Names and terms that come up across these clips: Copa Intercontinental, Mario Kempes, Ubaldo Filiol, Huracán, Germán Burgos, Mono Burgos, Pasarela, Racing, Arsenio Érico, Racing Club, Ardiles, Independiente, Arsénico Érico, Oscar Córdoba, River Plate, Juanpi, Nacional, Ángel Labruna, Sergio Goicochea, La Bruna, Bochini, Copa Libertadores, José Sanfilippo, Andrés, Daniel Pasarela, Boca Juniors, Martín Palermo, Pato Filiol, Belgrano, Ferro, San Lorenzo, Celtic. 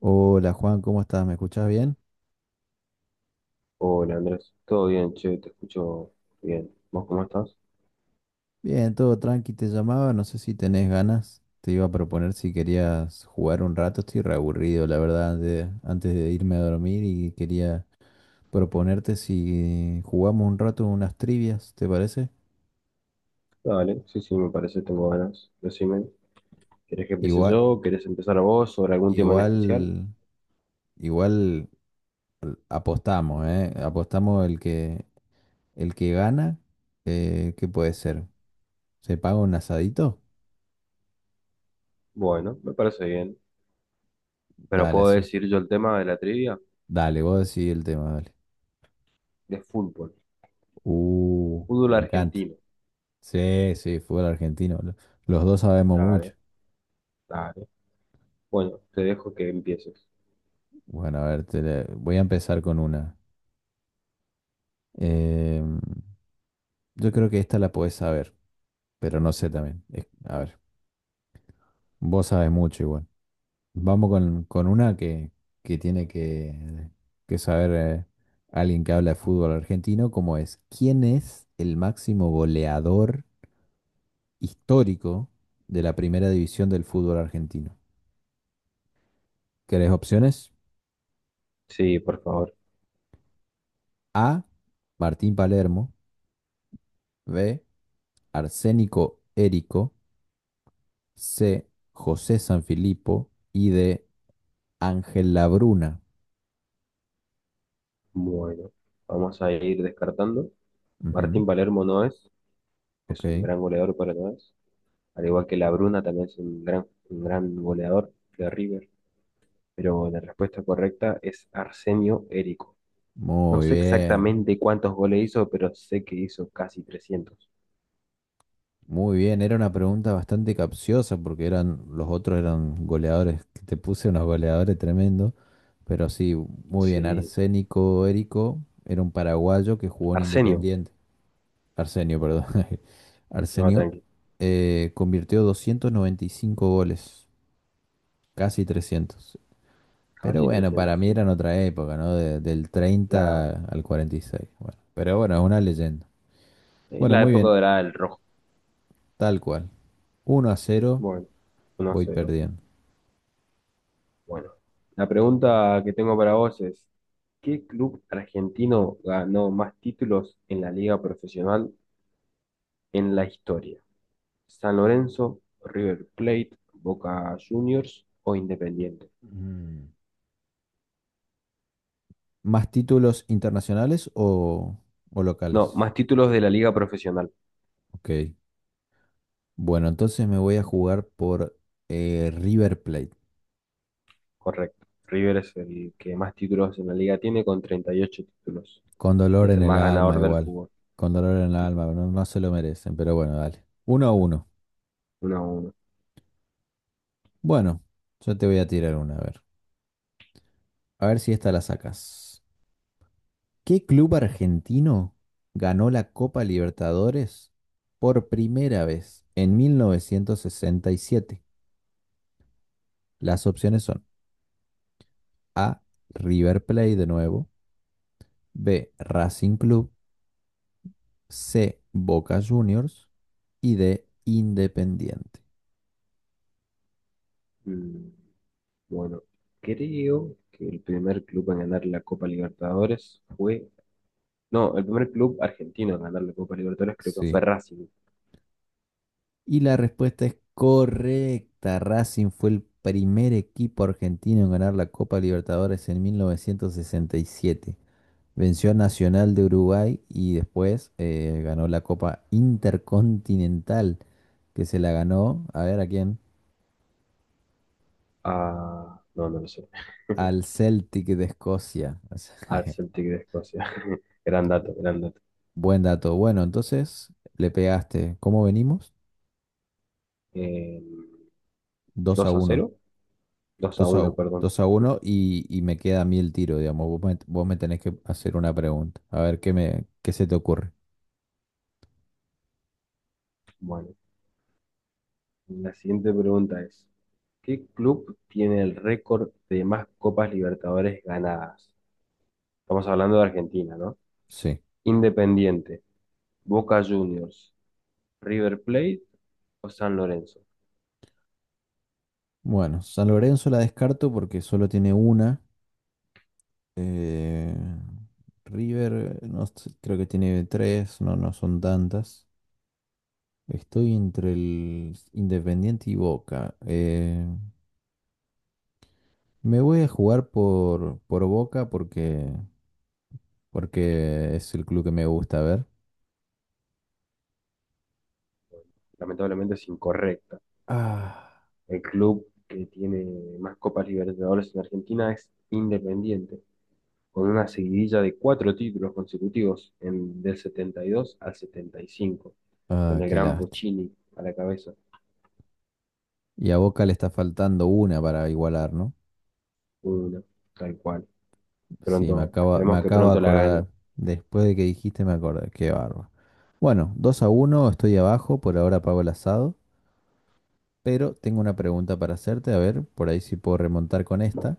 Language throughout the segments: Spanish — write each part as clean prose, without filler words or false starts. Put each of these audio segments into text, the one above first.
Hola Juan, ¿cómo estás? ¿Me escuchás bien? Hola Andrés, todo bien, che, te escucho bien. ¿Vos cómo estás? Bien, todo tranqui, te llamaba, no sé si tenés ganas, te iba a proponer si querías jugar un rato, estoy reaburrido, la verdad, antes de irme a dormir y quería proponerte si jugamos un rato unas trivias, ¿te parece? Dale, sí, sí, me parece, tengo ganas. Decime, ¿querés que empiece Igual, yo? ¿Querés empezar vos sobre algún tema en especial? igual, igual Apostamos, ¿eh? Apostamos el que gana, ¿qué puede ser? ¿Se paga un asadito? Bueno, me parece bien. Pero Dale puedo así. decir yo el tema de la trivia Dale, vos decidí el tema, dale. de fútbol, fútbol Me encanta. argentino. Sí, sí, fútbol argentino. Los dos sabemos Dale, mucho. dale. Bueno, te dejo que empieces. Bueno, a ver, voy a empezar con una. Em, yo creo que esta la podés saber, pero no sé también. A ver, vos sabes mucho igual. Vamos con una que tiene que saber alguien que habla de fútbol argentino, como es, ¿quién es el máximo goleador histórico de la primera división del fútbol argentino? ¿Querés opciones? Sí, por favor. A, Martín Palermo. B, Arsénico Érico. C, José Sanfilippo. Y de Ángel Labruna. Bueno, vamos a ir descartando. Ujú. Martín Palermo no es, Ok, es un gran goleador, pero no es. Al igual que La Bruna también es un gran goleador de River, pero la respuesta correcta es Arsenio Érico. No muy sé bien, exactamente cuántos goles hizo, pero sé que hizo casi trescientos. muy bien. Era una pregunta bastante capciosa porque eran, los otros eran goleadores, que te puse unos goleadores tremendos, pero sí, muy bien. Sí, Arsénico Érico era un paraguayo que jugó en Arsenio, Independiente. Arsenio, perdón. no, Arsenio tranqui, convirtió 295 goles, casi 300. Pero casi bueno, para 300 mí sí. era en otra época, ¿no? Del La, 30 al 46. Bueno, pero bueno, es una leyenda. Bueno, la muy época bien, dorada del rojo. tal cual. Uno a cero, Bueno, voy 1-0. perdiendo. Bueno, la pregunta que tengo para vos es, ¿qué club argentino ganó más títulos en la liga profesional en la historia? ¿San Lorenzo, River Plate, Boca Juniors o Independiente? Mm. ¿Más títulos internacionales o No, locales? más títulos de la liga profesional, Ok. Bueno, entonces me voy a jugar por River Plate. correcto. River es el que más títulos en la liga tiene con 38 títulos Con y dolor es en el el más alma, ganador del igual. fútbol, Con dolor en el alma, no, no se lo merecen, pero bueno, dale. Uno a uno. uno a uno. Bueno, yo te voy a tirar una, a ver. A ver si esta la sacas. ¿Qué club argentino ganó la Copa Libertadores por primera vez en 1967? Las opciones son A, River Plate de nuevo; B, Racing Club; C, Boca Juniors; y D, Independiente. Mm, bueno, creo que el primer club en ganar la Copa Libertadores fue... No, el primer club argentino en ganar la Copa Libertadores creo que fue Sí. Racing. Y la respuesta es correcta. Racing fue el primer equipo argentino en ganar la Copa Libertadores en 1967. Venció a Nacional de Uruguay y después ganó la Copa Intercontinental, que se la ganó, a ver a quién, Ah, no, no lo sé. al Celtic de Escocia. O Al sea, Celtic de Escocia. Gran dato, gran dato. buen dato. Bueno, entonces le pegaste. ¿Cómo venimos? Eh, Dos a 2 a uno. cero, dos a uno, perdón. 2 a uno y me queda a mí el tiro, digamos. Vos me tenés que hacer una pregunta. A ver qué se te ocurre. Bueno. La siguiente pregunta es, ¿qué club tiene el récord de más Copas Libertadores ganadas? Estamos hablando de Argentina, ¿no? Sí. Independiente, Boca Juniors, River Plate o San Lorenzo. Bueno, San Lorenzo la descarto porque solo tiene una. Eh, River, no, sé, creo que tiene tres, no, no son tantas. Estoy entre el Independiente y Boca. Me voy a jugar por Boca porque, porque es el club que me gusta ver. Lamentablemente es incorrecta. Ah, El club que tiene más Copas Libertadores en Argentina es Independiente, con una seguidilla de cuatro títulos consecutivos en, del 72 al 75, con ah, el qué gran lástima. Bochini a la cabeza. Y a Boca le está faltando una para igualar, ¿no? Uno, tal cual. Sí, Pronto, me esperemos que acabo de pronto la gane. acordar. Después de que dijiste, me acordé. Qué bárbaro. Bueno, 2 a uno estoy abajo, por ahora pago el asado. Pero tengo una pregunta para hacerte, a ver, por ahí si puedo remontar con esta.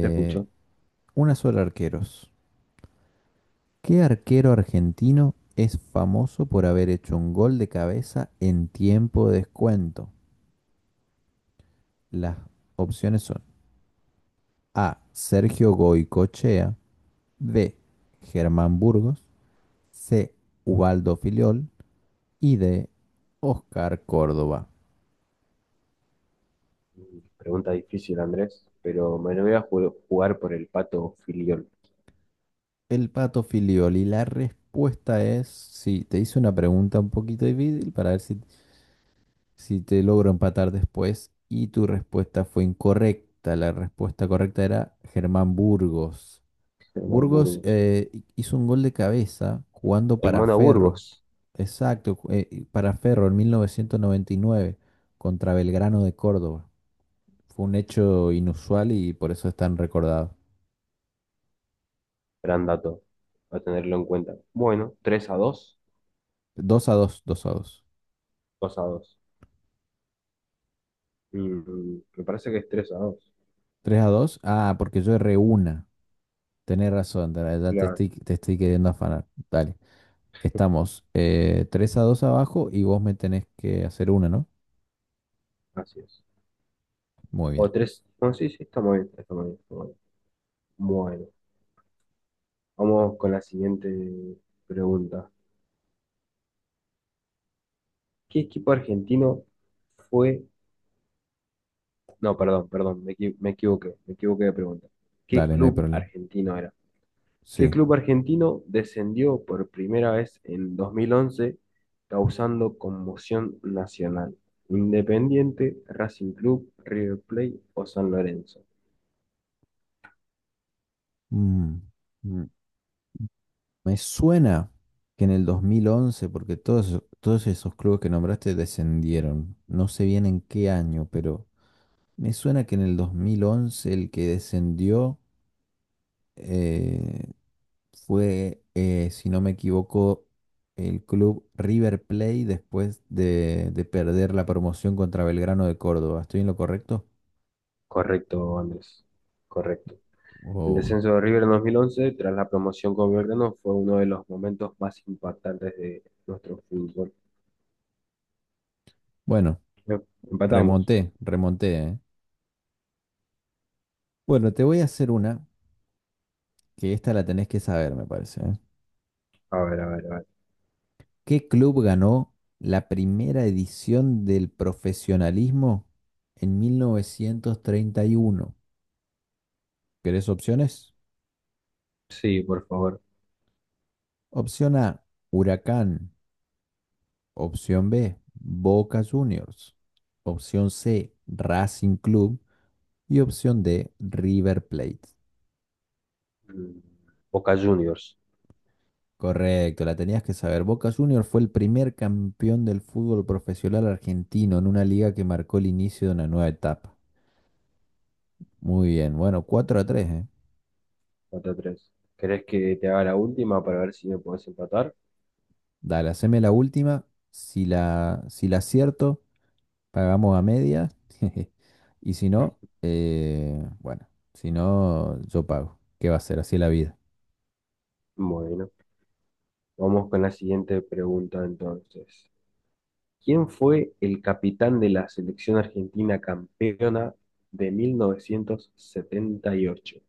Te escucho. una sola arqueros. ¿Qué arquero argentino es famoso por haber hecho un gol de cabeza en tiempo de descuento? Las opciones son A, Sergio Goicochea; B, Germán Burgos; C, Ubaldo Filiol; y D, Oscar Córdoba. Pregunta difícil, Andrés, pero me lo voy a jugar por el Pato Filiol. El Pato Filiol. Y la respuesta es, sí, te hice una pregunta un poquito difícil para ver si te logro empatar después y tu respuesta fue incorrecta. La respuesta correcta era Germán Burgos. El Mono Burgos Burgos. Hizo un gol de cabeza jugando El para Mono Ferro. Burgos, Exacto, para Ferro en 1999 contra Belgrano de Córdoba. Fue un hecho inusual y por eso es tan recordado. gran dato, a tenerlo en cuenta. Bueno, 3 a dos. 2 a dos, dos a dos. Dos a dos. Mm, me parece que es 3 a dos, Tres a dos. Ah, porque yo erré una. Tenés razón, ya claro, te estoy queriendo afanar. Dale. Estamos 3 a 2 abajo y vos me tenés que hacer una, ¿no? así es. Muy bien. O 3 no, sí, sí, está muy bien, está muy bien, está muy bien. Bueno, vamos con la siguiente pregunta. ¿Qué equipo argentino fue... No, perdón, perdón, me, me equivoqué de pregunta. ¿Qué Dale, no hay club problema. argentino era? ¿Qué Sí. club argentino descendió por primera vez en 2011 causando conmoción nacional? Independiente, Racing Club, River Plate o San Lorenzo. Mm, mm, me suena que en el 2011 porque todos, todos esos clubes que nombraste descendieron. No sé bien en qué año, pero me suena que en el 2011 el que descendió eh, fue, si no me equivoco, el club River Plate después de perder la promoción contra Belgrano de Córdoba. ¿Estoy en lo correcto? Correcto, Andrés, correcto. El O- descenso de River en 2011 tras la promoción con Belgrano fue uno de los momentos más impactantes de nuestro fútbol. Bueno, Em- Empatamos. remonté, remonté, ¿eh? Bueno, te voy a hacer una, que esta la tenés que saber, me parece, ¿eh? A ver, a ver, a ver. ¿Qué club ganó la primera edición del profesionalismo en 1931? ¿Querés opciones? Sí, por favor. Opción A, Huracán. Opción B, Boca Juniors. Opción C, Racing Club. Y opción D, River Plate. Mm. Boca Juniors, Correcto, la tenías que saber. Boca Juniors fue el primer campeón del fútbol profesional argentino en una liga que marcó el inicio de una nueva etapa. Muy bien, bueno, 4 a tres, ¿eh? 4 tres. ¿Querés que te haga la última para ver si me podés empatar? Dale, haceme la última. Si la acierto, pagamos a media. Y si no, bueno, si no, yo pago. ¿Qué va a ser? Así es la vida. Bueno, vamos con la siguiente pregunta entonces. ¿Quién fue el capitán de la selección argentina campeona de 1978?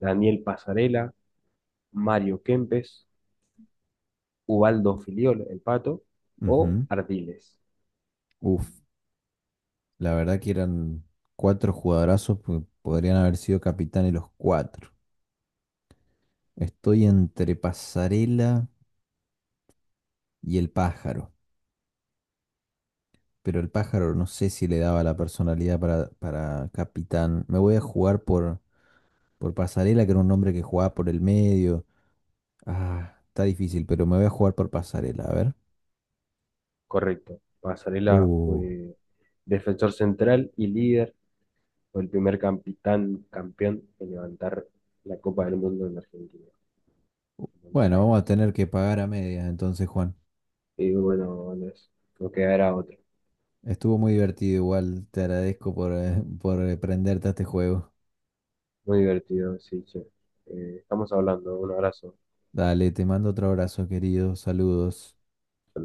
¿Daniel Pasarela, Mario Kempes, Ubaldo Filiol, el Pato o Ujú. Ardiles? Uf, la verdad que eran cuatro jugadorazos que podrían haber sido capitanes los cuatro. Estoy entre Pasarela y el pájaro, pero el pájaro no sé si le daba la personalidad para capitán. Me voy a jugar por Pasarela, que era un hombre que jugaba por el medio. Ah, está difícil, pero me voy a jugar por Pasarela, a ver. Correcto. Pasarela Uh, fue defensor central y líder. Fue el primer capitán campeón en levantar la Copa del Mundo en Argentina, en Buenos bueno, vamos a Aires. tener que pagar a medias entonces, Juan. Y bueno, Andrés, nos quedará otro. Estuvo muy divertido igual, te agradezco por prenderte a este juego. Muy divertido, sí, che. Estamos hablando. Un abrazo. Dale, te mando otro abrazo, querido. Saludos.